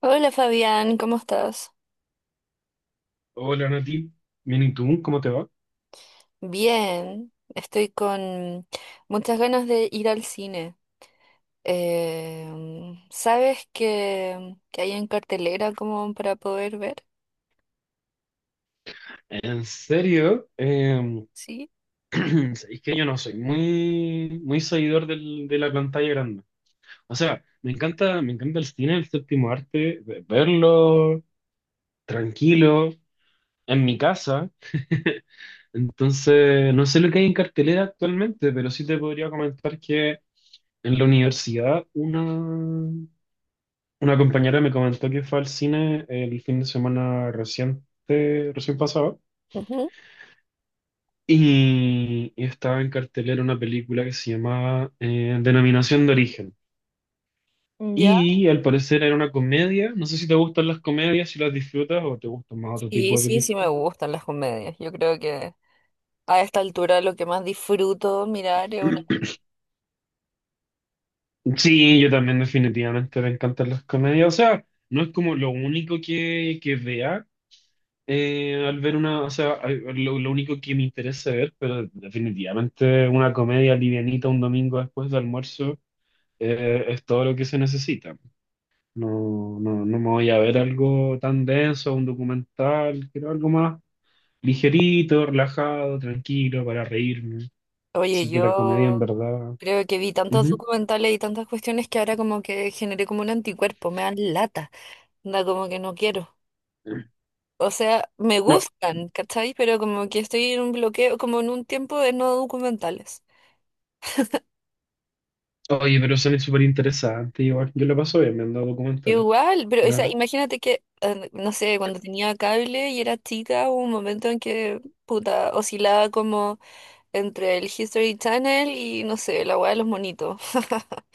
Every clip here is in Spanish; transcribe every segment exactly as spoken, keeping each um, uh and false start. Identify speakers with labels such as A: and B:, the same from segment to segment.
A: Hola Fabián, ¿cómo estás?
B: Hola Nati, bien y tú, ¿cómo te va?
A: Bien, estoy con muchas ganas de ir al cine. Em, ¿sabes qué, qué hay en cartelera como para poder ver?
B: En serio. Em,
A: Sí.
B: es que yo no soy muy, muy seguidor del- de la pantalla grande. O sea, me encanta, me encanta el cine, el séptimo arte, ve- verlo tranquilo, en mi casa. Entonces, no sé lo que hay en cartelera actualmente, pero sí te podría comentar que en la universidad una, una compañera me comentó que fue al cine el fin de semana reciente, recién pasado. Y, y estaba en cartelera una película que se llamaba eh, Denominación de Origen.
A: Ujú. ¿Ya?
B: Y al parecer era una comedia. No sé si te gustan las comedias, si las disfrutas o te gustan más otro
A: Sí,
B: tipo de
A: sí, sí me
B: películas.
A: gustan las comedias. Yo creo que a esta altura lo que más disfruto mirar es una...
B: Sí, yo también definitivamente me encantan las comedias. O sea, no es como lo único que, que vea, eh, al ver una, o sea, a- lo, lo único que me interesa ver, pero definitivamente una comedia livianita un domingo después de almuerzo eh, es todo lo que se necesita. No, no, no me voy a ver algo tan denso, un documental, quiero algo más ligerito, relajado, tranquilo, para reírme.
A: Oye,
B: Así que la comedia, en
A: yo
B: verdad.
A: creo que vi tantos
B: Ujú.
A: documentales y tantas cuestiones que ahora como que generé como un anticuerpo, me dan lata. Anda como que no quiero. O sea, me
B: No,
A: gustan, ¿cachai? Pero como que estoy en un bloqueo, como en un tiempo de no documentales.
B: oye, pero son súper interesante, igual. Yo la paso bien me han dado documentales.
A: Igual, pero o sea,
B: Nada.
A: imagínate que, eh, no sé, cuando tenía cable y era chica, hubo un momento en que, puta, oscilaba como entre el History Channel y, no sé, la weá de los monitos.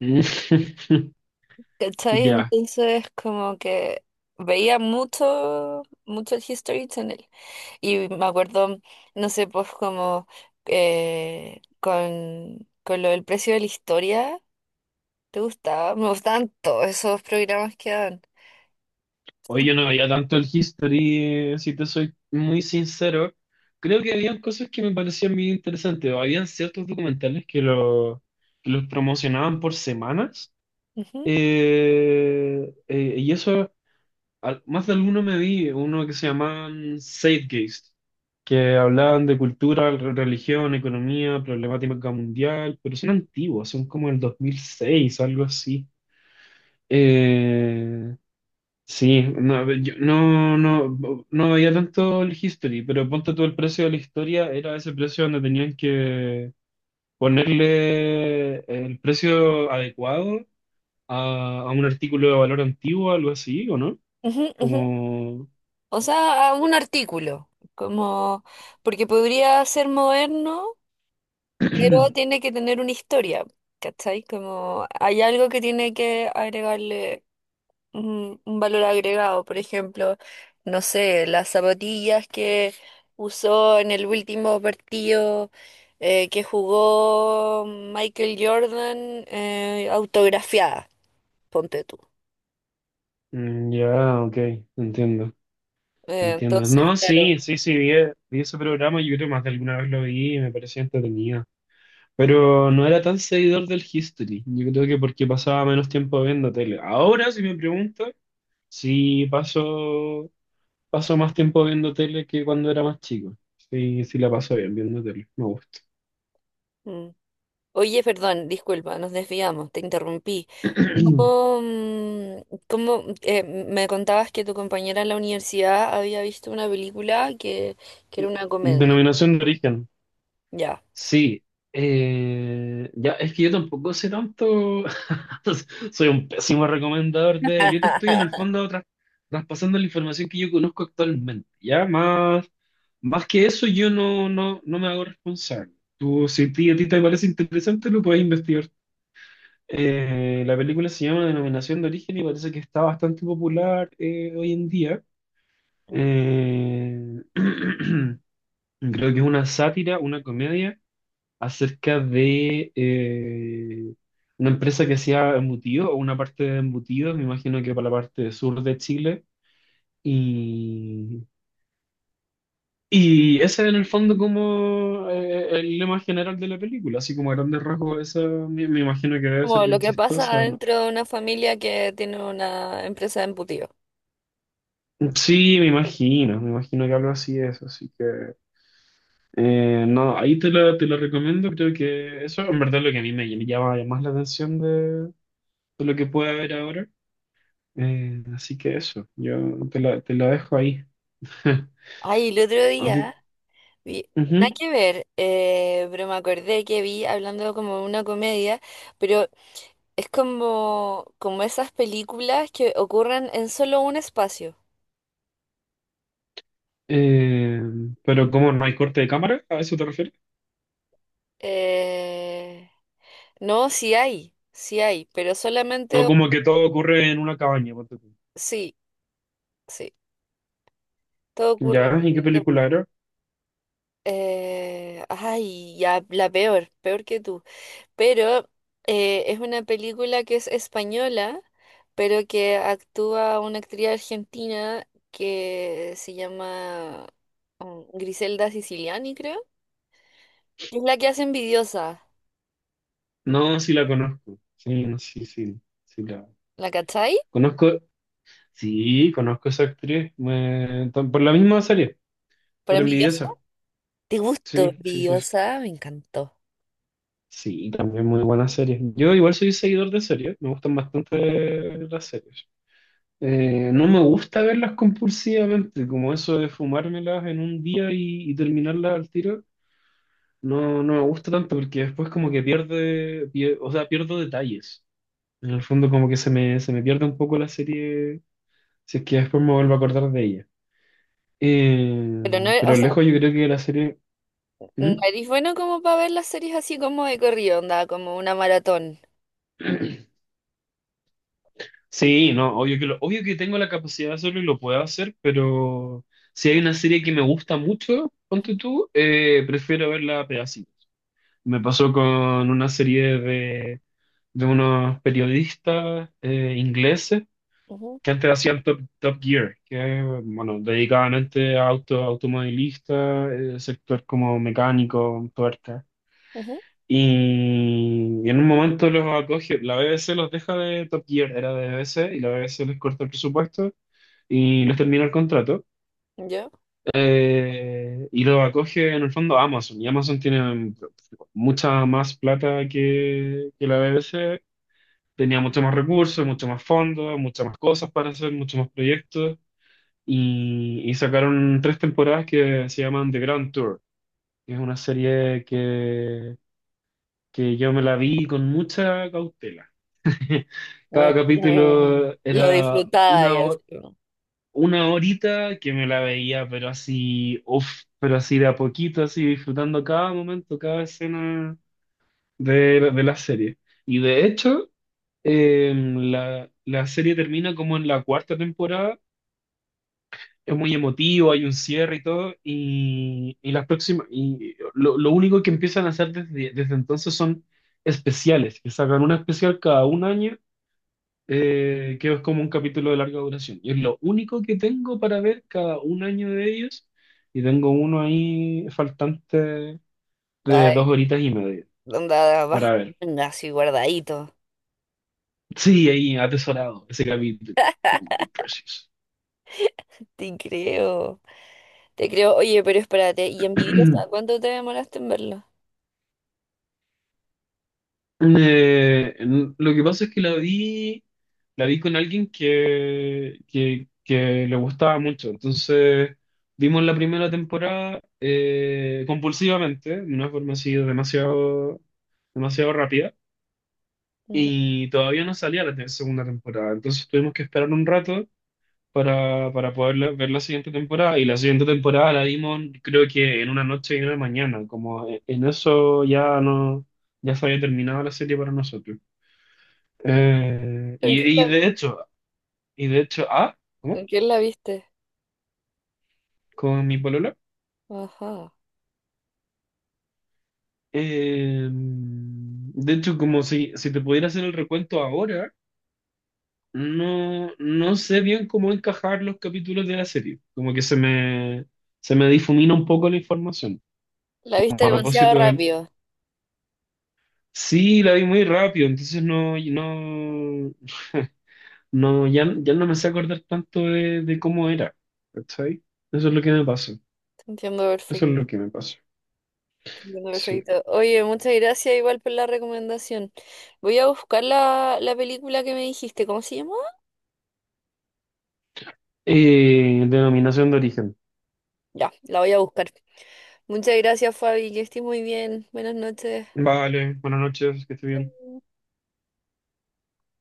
A: ¿Cachai?
B: Ya.
A: Entonces, como que veía mucho, mucho el History Channel. Y me acuerdo, no sé, pues como eh, con, con lo del precio de la historia, ¿te gustaba? Me gustaban todos esos programas que dan.
B: Oye, yo no veía tanto el History, eh, si te soy muy sincero. Creo que habían cosas que me parecían muy interesantes, o habían ciertos documentales que, lo, que los promocionaban por semanas.
A: Ujú,
B: Eh, eh, y eso, al- más de alguno me vi, uno que se llamaban Zeitgeist, que hablaban de cultura, re- religión, economía, problemática mundial, pero son antiguos, son como el dos mil seis, algo así. Eh, sí, no, yo no, no, no no veía tanto el History, pero ponte tú el precio de la historia, era ese precio donde tenían que ponerle el precio adecuado a, a un artículo de valor antiguo, algo así, ¿o no?
A: ujú, ujú.
B: Como...
A: O sea, a un artículo, como, porque podría ser moderno, pero tiene que tener una historia, ¿cachai? Como hay algo que tiene que agregarle un un valor agregado, por ejemplo, no sé, las zapatillas que usó en el último partido eh, que jugó Michael Jordan, eh, autografiadas, ponte tú.
B: Mm, ya, ok, entiendo,
A: Eh,
B: entiendo.
A: entonces,
B: No,
A: claro.
B: sí, sí, sí, vi, vi ese programa, yo creo más de alguna vez lo vi y me parecía entretenido. Pero no era tan seguidor del History, yo creo que porque pasaba menos tiempo viendo tele. Ahora, si me preguntas, sí paso, paso más tiempo viendo tele que cuando era más chico. Sí, sí la paso bien viendo tele, me gusta.
A: Mm. Oye, perdón, disculpa, nos desviamos, te interrumpí. ¿Cómo, mm, cómo, eh, me contabas que tu compañera en la universidad había visto una película que, que era una comedia?
B: Denominación de origen.
A: Ya.
B: Sí, eh, ya, es que yo tampoco sé tanto. Soy un pésimo recomendador de, yo te estoy en el fondo tras- traspasando la información que yo conozco actualmente, ya, más, más que eso yo no, no, no me hago responsable. Tú, si a ti, a ti te parece interesante, lo puedes investigar. Eh, la película se llama Denominación de Origen y parece que está bastante popular eh, hoy en día. Eh, Creo que es una sátira, una comedia acerca de eh, una empresa que hacía embutidos o una parte de embutidos, me imagino que para la parte sur de Chile. Y, y ese en el fondo como eh, el lema general de la película, así como a grandes rasgos, esa me, me imagino que debe ser
A: Como lo
B: bien
A: que pasa
B: chistosa, ¿no?
A: dentro de una familia que tiene una empresa de embutido.
B: Sí, me imagino, me imagino que algo así es, así que eh, no, ahí te la, te la recomiendo, creo que eso en verdad es lo que a mí me llama más la atención de, de lo que puede haber ahora. Eh, así que eso, yo te lo, te lo dejo ahí.
A: Ay, el otro
B: A ti-
A: día vi, nada
B: Ujú.
A: que ver, eh, pero me acordé que vi hablando como de una comedia, pero es como, como esas películas que ocurren en solo un espacio.
B: Eh, pero ¿cómo no hay corte de cámara? ¿A eso te refieres?
A: Eh, no, sí hay, sí hay, pero
B: No,
A: solamente,
B: como que todo ocurre en una cabaña, ponte tú.
A: sí, sí, todo ocurre.
B: ¿Ya? ¿Y qué
A: en un-
B: película era?
A: Eh, ay, ya, la peor, peor que tú. Pero eh, es una película que es española, pero que actúa una actriz argentina que se llama um, Griselda Siciliani, creo. Es la que hace Envidiosa,
B: No, sí la conozco. Sí, no, sí, sí, sí la
A: ¿la cachai?
B: conozco. Sí, conozco a esa actriz. Me- tam- Por la misma serie,
A: ¿Por
B: por
A: Envidiosa?
B: Envidiosa.
A: ¿Te gustó
B: Sí, sí, sí. Sí,
A: Envidiosa? Me encantó.
B: sí, también muy buena serie. Yo igual soy seguidor de series, me gustan bastante las series. Eh, no me gusta verlas compulsivamente, como eso de fumármelas en un día y, y terminarlas al tiro, no, no me gusta tanto porque después como que pierde, pie- o sea, pierdo detalles. En el fondo como que se me, se me pierde un poco la serie, si es que después me vuelvo a acordar de ella.
A: Pero no,
B: Eh,
A: o
B: pero
A: sea,
B: lejos yo creo que la serie...
A: no
B: ¿Mm?
A: eres bueno como para ver las series así como de corrido, onda, como una maratón.
B: Sí, no, obvio que, lo, obvio que tengo la capacidad de hacerlo y lo puedo hacer, pero si hay
A: No.
B: una serie que me gusta mucho,
A: Ujú,
B: ponte tú, eh, prefiero verla a pedacitos. Me pasó con una serie de, de unos periodistas eh, ingleses
A: ujú,
B: que antes hacían Top, Top Gear, que bueno, dedicaban antes a auto, automovilistas, eh, sector como mecánico, tuerca.
A: ujú.
B: Y, y en un momento los acoge, la B B C los deja de Top Gear, era de B B C, y la B B C les corta el presupuesto y les termina el contrato.
A: ¿Yo?
B: Eh, y lo acoge en el fondo Amazon. Y Amazon tiene mucha más plata que, que la B B C. Tenía mucho más recursos, mucho más fondos, muchas más cosas para hacer, muchos más proyectos. Y, y sacaron tres temporadas que se llaman The Grand Tour, que es una serie que, que yo me la vi con mucha cautela. Cada
A: Mm,
B: capítulo
A: lo
B: era
A: disfrutaba y
B: una,
A: así como,
B: Una horita que me la veía, pero así, uff, pero así de a poquito, así disfrutando cada momento, cada escena de, de la serie. Y de hecho, eh, la, la serie termina como en la cuarta temporada. Es muy emotivo, hay un cierre y todo. Y, y las próximas, y lo, lo único que empiezan a hacer desde, desde entonces son especiales, que sacan una especial cada un año, eh, que es como un capítulo de larga duración. Y es lo único que tengo para ver cada un año de ellos. Y tengo uno ahí faltante de
A: ay,
B: dos horitas y media
A: onda abajo,
B: para ver.
A: manga, así guardadito.
B: Sí, ahí atesorado ese capítulo. Oh, my precious.
A: Te creo, te creo. Oye, pero espérate, ¿y envidiosa? ¿Cuánto te demoraste en verlo?
B: Eh, n- lo que pasa es que la vi, la vi, con alguien que, que, que le gustaba mucho. Entonces, vimos la primera temporada eh, compulsivamente, de una forma así demasiado, demasiado rápida,
A: Ujú.
B: y todavía no salía la te- segunda temporada. Entonces, tuvimos que esperar un rato para, para poder la- ver la siguiente temporada. Y la siguiente temporada la vimos, creo que en una noche y en una mañana, como en en eso ya no, ya se había terminado la serie para nosotros. Eh,
A: ¿Con quién
B: y, y
A: la vi-
B: de hecho, y de hecho, ah, ¿cómo?
A: con quién la viste?
B: Con mi polola.
A: Ajá.
B: Eh, de hecho, como si, si te pudiera hacer el recuento ahora, no, no sé bien cómo encajar los capítulos de la serie. Como que se me, se me difumina un poco la información.
A: La
B: A
A: viste demasiado
B: propósito del-
A: rápido.
B: Sí, la vi muy rápido, entonces no, no, no, ya, ya no me sé acordar tanto de, de cómo era. ¿Cachai? Eso es lo que me pasó.
A: Te entiendo
B: Eso
A: perfecto.
B: es lo que me pasó.
A: Te entiendo
B: Sí.
A: perfecto. Oye, muchas gracias igual por la recomendación. Voy a buscar la, la película que me dijiste. ¿Cómo se llama?
B: Eh, Denominación de origen.
A: Ya, la voy a buscar. Muchas gracias, Fabi. Que estés muy bien. Buenas noches.
B: Vale, buenas noches, que esté bien.